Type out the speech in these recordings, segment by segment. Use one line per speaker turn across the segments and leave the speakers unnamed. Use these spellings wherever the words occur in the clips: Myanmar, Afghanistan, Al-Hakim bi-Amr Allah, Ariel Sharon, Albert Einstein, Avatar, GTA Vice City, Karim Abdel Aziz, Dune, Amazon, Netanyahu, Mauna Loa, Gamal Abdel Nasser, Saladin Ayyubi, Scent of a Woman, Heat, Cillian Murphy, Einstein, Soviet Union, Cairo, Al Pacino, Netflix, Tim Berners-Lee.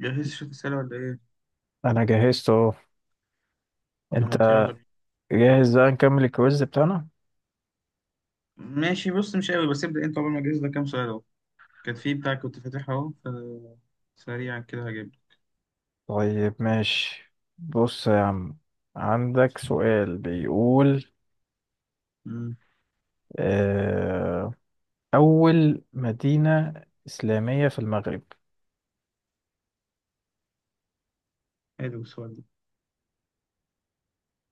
جهزت شوية أسئلة ولا إيه؟
انا جهزت اهو.
طب
انت؟
ما يلا بينا.
جاهز، بقى نكمل الكويز بتاعنا؟
ماشي، بص، مش قوي، بس ابدأ أنت قبل ما أجهز لك كام سؤال أهو. كان في بتاع كنت فاتحها أهو، فسريعا كده هجيب لك.
طيب، ماشي، بص يا عم، عندك سؤال بيقول
أمم،
آه، اول مدينة اسلامية في المغرب؟
حلو السؤال ده.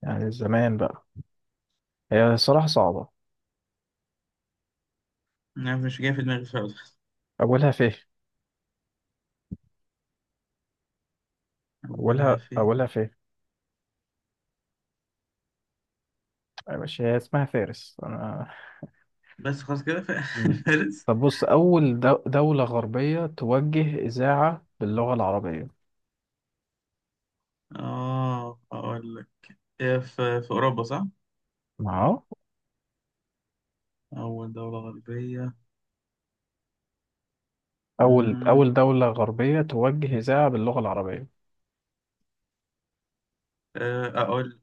يعني زمان بقى. هي الصراحة صعبة.
أنا مش جاي في دماغي خالص.
اولها فين؟
أولها
اولها
في.
اولها فين يا باشا؟ هي اسمها فارس انا.
بس خلاص كده في.
مم.
فارس.
طب بص، اول دولة غربية توجه اذاعة باللغة العربية؟
آه أقول لك، هي في أوروبا صح؟
ما،
أول دولة غربية.
أول
أمم،
أول دولة غربية توجه إذاعة باللغة العربية.
أقول،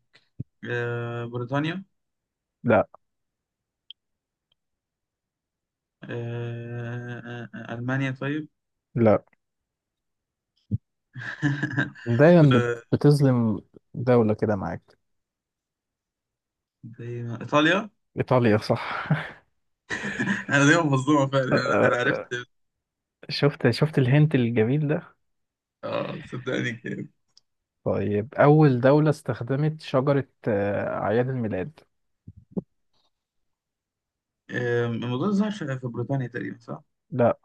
بريطانيا.
لا.
ألمانيا طيب.
لا، دايما
آه،
بتظلم دولة كده معاك.
دايما إيطاليا.
إيطاليا، صح.
انا دايما مصدوم فعلا. أنا عرفت.
شفت الهنت الجميل ده؟
اه صدقني كده.
طيب، أول دولة استخدمت شجرة أعياد الميلاد؟
الموضوع ده ظهر في بريطانيا تقريبا صح؟
لا.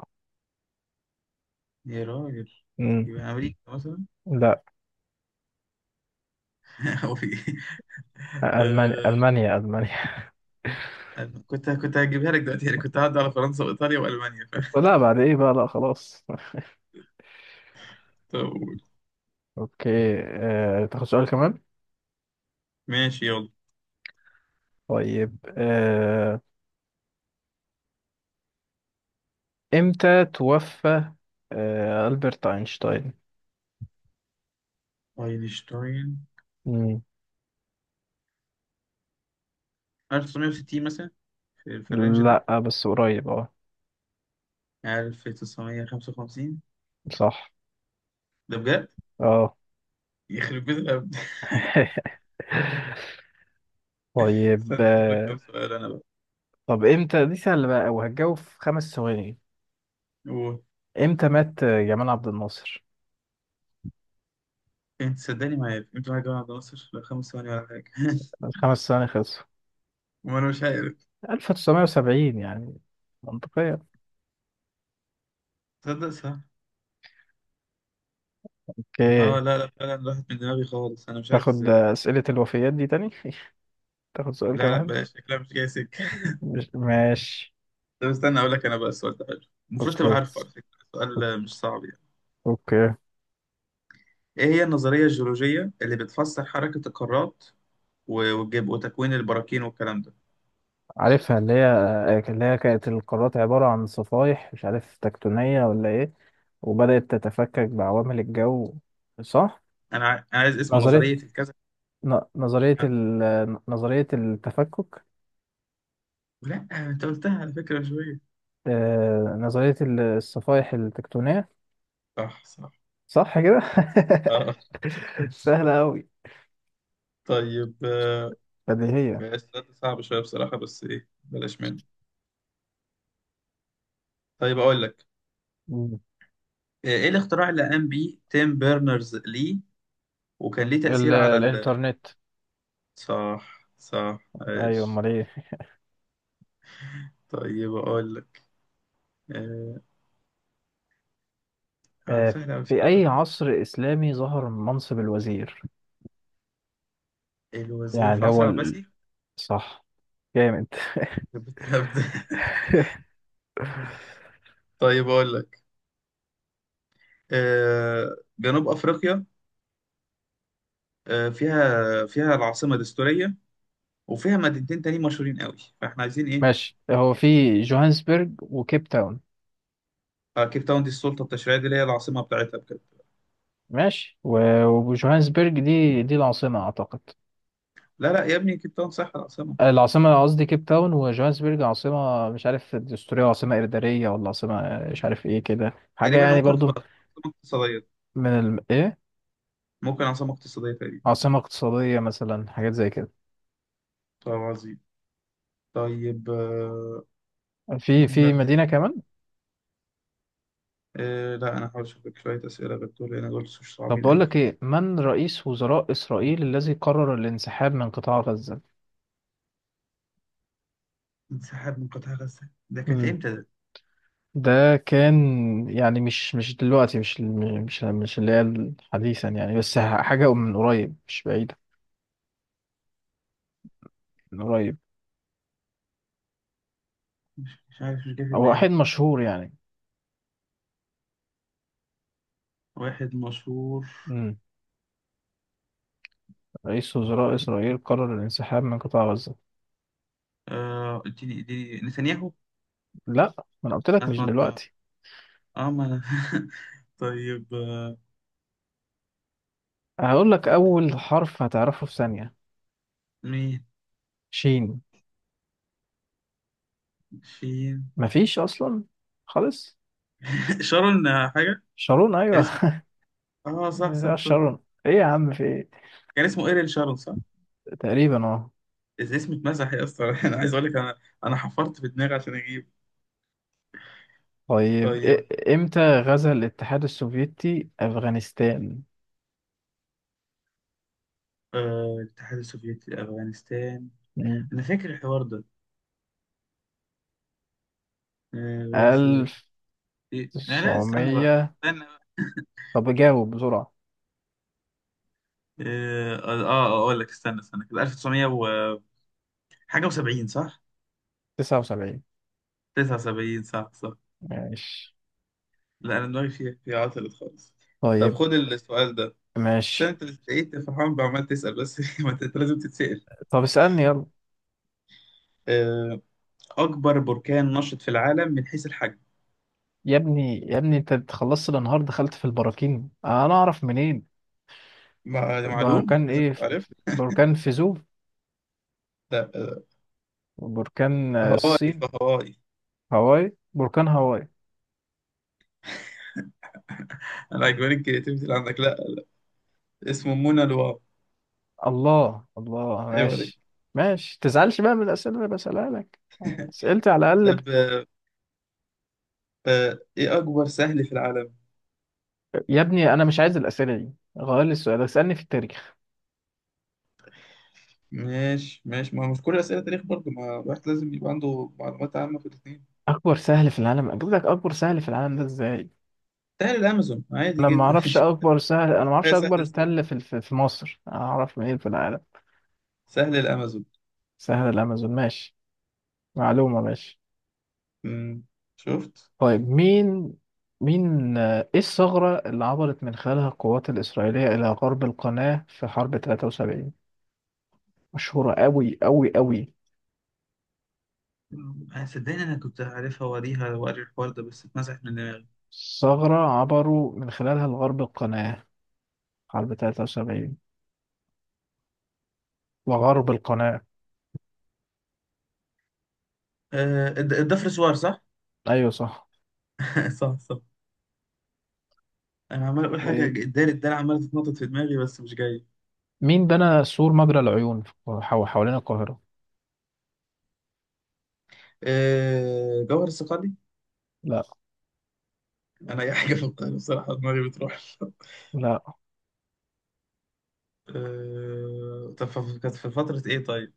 يا راجل،
مم.
يبقى امريكا مثلا.
لا.
هو في ايه؟
ألمانيا،
آه،
ألمانيا، ألمانيا.
أنا كنت هجيبها لك دلوقتي، يعني كنت هعدي على فرنسا وايطاليا والمانيا، فاهم.
لا، بعد إيه بقى؟ لا، خلاص.
طب قول.
أوكي. تاخد سؤال كمان؟
ماشي يلا.
طيب. إمتى توفى ألبرت أينشتاين؟
اينشتاين 1960 مثلا، في الرينج ده.
لا، بس قريب، اه.
1955.
صح.
ده بجد؟
اه.
يخرب بيت الهبد.
طيب.
استنى اشوف لك كام سؤال انا بقى.
طب امتى، دي سهلة بقى وهتجاوب في 5 ثواني.
قول.
امتى مات جمال عبد الناصر؟
انت صدقني ما عارف انت حاجة. واحد ناصر؟ لا خمس ثواني ولا حاجة.
الخمس ثواني خلصوا.
وانا مش عارف.
1970، يعني منطقية.
تصدق صح. اه،
اوكي.
لا لا، فعلا راحت من دماغي خالص، انا مش عارف
تاخد
ازاي.
أسئلة الوفيات دي تاني؟ تاخد سؤال
لا لا،
كمان؟
بلاش، شكلها مش جاي سكة.
مش ماشي.
طب استنى اقول لك انا بقى. السؤال ده حلو، المفروض تبقى
اوكي،
عارفه على فكرة، سؤال مش صعب يعني.
اوكي.
ايه هي النظرية الجيولوجية اللي بتفسر حركة القارات والجب وتكوين البراكين والكلام ده؟
عارفها اللي هي. كانت القارات عبارة عن صفائح مش عارف تكتونية ولا ايه، وبدأت تتفكك بعوامل الجو. صح؟
أنا عايز اسم
نظرية.
نظرية الكذا.
نظرية نظرية التفكك.
لا انت قلتها على فكرة من شوية.
نظرية الصفائح التكتونية.
صح صح.
صح كده؟
اه.
سهلة أوي.
طيب،
بديهية.
السؤال ده صعب شوية بصراحة، بس ايه بلاش منه. طيب اقول لك.
مم.
إيه الاختراع اللي قام بيه تيم بيرنرز لي وكان ليه تأثير على ال...؟
الإنترنت.
صح صح،
أيوة،
عايش.
أمال إيه.
طيب اقول لك. آه
آه.
سهل قوي
في
السؤال
أي
ده.
عصر إسلامي ظهر منصب الوزير؟
الوزير في
يعني
عصر
هو.
العباسي.
صح. جامد.
يخرب بيت الهبد. طيب اقول لك، جنوب افريقيا، فيها العاصمة دستورية، وفيها مدينتين تانيين مشهورين قوي، فاحنا عايزين ايه.
ماشي، هو في جوهانسبرج وكيب تاون.
كيب تاون دي السلطة التشريعية، دي اللي هي العاصمة بتاعتها بجد.
ماشي. وجوهانسبرج دي العاصمة أعتقد.
لا لا يا ابني، كيب تاون صح العاصمة.
العاصمة، قصدي كيب تاون. وجوهانسبرج عاصمة، مش عارف دستورية، وعاصمة إدارية، ولا عاصمة مش عارف إيه كده، حاجة
تقريبا
يعني
ممكن
برضو.
تبقى عاصمة اقتصادية.
من إيه؟
ممكن عاصمة اقتصادية تقريبا.
عاصمة اقتصادية مثلا، حاجات زي كده.
طب عظيم. طيب،
في
لا دي،
مدينة كمان.
لا أنا هحاول أشوف لك شوية أسئلة غير دول، لأن دول مش
طب
صعبين
بقول
أوي.
لك إيه، من رئيس وزراء إسرائيل الذي قرر الانسحاب من قطاع غزة؟
انسحاب من قطاع غزة، ده كانت إمتى ده؟
ده كان، يعني مش دلوقتي، مش الم- مش مش اللي هي حديثا يعني، بس حاجة من قريب مش بعيدة. من قريب.
مش عارف، مش جاي في
هو
دماغي.
واحد مشهور يعني.
واحد مشهور.
مم. رئيس وزراء إسرائيل قرر الانسحاب من قطاع غزة.
اديني نتنياهو.
لا. ما أنا قلت لك
أنا
مش
كنت ما،
دلوقتي.
ما أنا. طيب،
هقول لك أول حرف هتعرفه في ثانية.
مين؟
شين.
شين.
مفيش أصلا، خالص.
شارون، حاجة.
شارون،
كان
أيوه.
اسمه، آه صح صح
يا
صح.
شارون، إيه يا عم، في إيه؟
كان اسمه إيرين شارون صح؟
تقريبا، أه.
اسم اتمسح يا اسطى. أنا عايز أقول لك. أنا، أنا حفرت في دماغي عشان أجيب.
طيب،
طيب،
إمتى غزا الاتحاد السوفيتي أفغانستان؟
الاتحاد السوفيتي لأفغانستان، أنا فاكر الحوار ده. غزو.
ألف
إيه؟ لا لا، استنى بقى
تسعمية
استنى بقى.
طب جاوب بسرعة.
أقول لك، استنى استنى كده. 1900 و حاجة و70 صح؟
79.
79، صح صح.
ماشي.
لا أنا دماغي فيها عطلت خالص. طب
طيب.
خد السؤال ده، بس
ماشي.
أنت اللي لقيت فرحان بعمال تسأل بس. ما أنت لازم تتسأل.
طب اسألني يلا.
آه، أكبر بركان نشط في العالم من حيث الحجم.
يا ابني، يا ابني، انت خلصت الانهار دخلت في البراكين، انا اعرف منين؟
معلوم
بركان
لازم
ايه؟
تعرف.
بركان فيزوف.
لا.
بركان
هواي
الصين.
فهواي.
هاواي، بركان هاواي.
أنا عجباني الكرياتيفيتي اللي عندك. لا، اسمه منى لواء.
الله، الله،
ايوه دي.
ماشي. ماشي، تزعلش بقى من الأسئلة اللي بسألها لك. أسئلتي على الأقل.
طب، ايه اكبر سهل في العالم؟
يا ابني، أنا مش عايز الأسئلة دي، غير لي السؤال، اسألني في التاريخ.
ماشي ماشي، ما هو مش كل اسئله تاريخ برضه، ما الواحد لازم يبقى عنده معلومات عامه في الاثنين.
اكبر سهل في العالم؟ بقولك اكبر سهل في العالم ده ازاي؟
سهل الامازون عادي
انا ما
جدا.
اعرفش
شوف
اكبر سهل، انا ما
الحياة
اعرفش
سهل
اكبر
ازاي.
تل في مصر، انا اعرف منين في العالم؟
سهل الامازون.
سهل الامازون، ماشي. معلومة، ماشي.
مم. شفت.
طيب، مين. مين ايه الثغرة اللي عبرت من خلالها القوات الاسرائيلية الى غرب القناة في حرب 73؟ مشهورة قوي قوي قوي.
أنا صدقني انا كنت عارفها، واريها واري الحوار ده بس اتمسح من دماغي.
ثغرة عبروا من خلالها لغرب القناة، حرب 73، وغرب القناة.
الضفر سوار صح؟
ايوه، صح.
صح صح. انا عمال اقول
و
حاجه، الدال عماله تتنطط في دماغي بس مش جايه.
مين بنى سور مجرى العيون حوالين القاهرة؟
جوهر الصقلي.
لا.
انا اي حاجه في القاهره بصراحه دماغي بتروح.
لا،
طب، كانت في فترة إيه طيب؟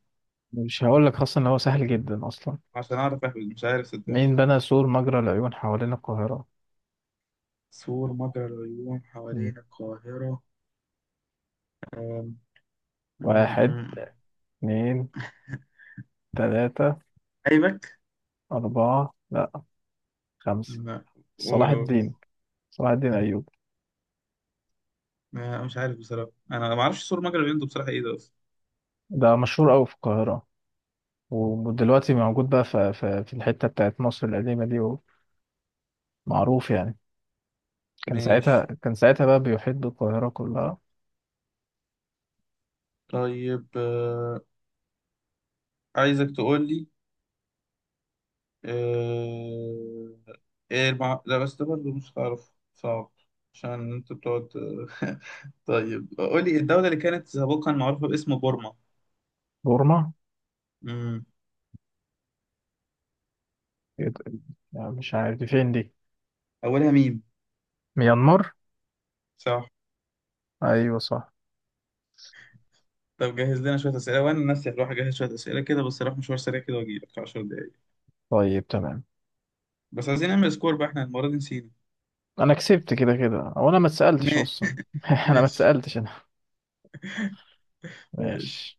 مش هقول لك، خاصة ان هو سهل جدا اصلا.
عشان أعرف أهبد، مش عارف، صدق.
مين بنى سور مجرى العيون حوالين القاهرة؟
سور مجرى العيون
مم.
حوالين القاهرة. أم... م-
واحد،
م-
اتنين، تلاتة،
أيبك؟
أربعة، لا، خمسة.
لا،
صلاح
قول قول.
الدين. صلاح الدين أيوب.
مش عارف بصراحة، أنا ما أعرفش سور مجرى العيون ده بصراحة، إيه ده أصلا.
ده مشهور أوي في القاهرة، ودلوقتي موجود بقى في الحتة بتاعت مصر القديمة دي، ومعروف يعني. كان ساعتها
ماشي.
كان ساعتها بقى بيحيط بالقاهرة كلها.
طيب، عايزك تقول لي، أه... إيه لا بس ده برضه مش هتعرف، صعب، عشان أنت بتقعد. طيب قول لي، الدولة اللي كانت سابقا معروفة باسم
بورما.
بورما،
يد- يعني مش عارف دي فين دي.
اولها ميم.
ميانمار.
صح.
ايوه، صح.
طب جهز لنا شويه اسئله، وانا نفسي هروح اجهز شويه اسئله كده، بس اروح مشوار سريع كده واجي لك في 10 دقايق.
طيب، تمام.
بس عايزين نعمل سكور بقى، احنا المره دي نسينا.
انا كسبت كده كده، او انا ما اتسالتش
ماشي،
اصلا. انا ما
ماشي،
اتسالتش انا.
ماشي.
ماشي.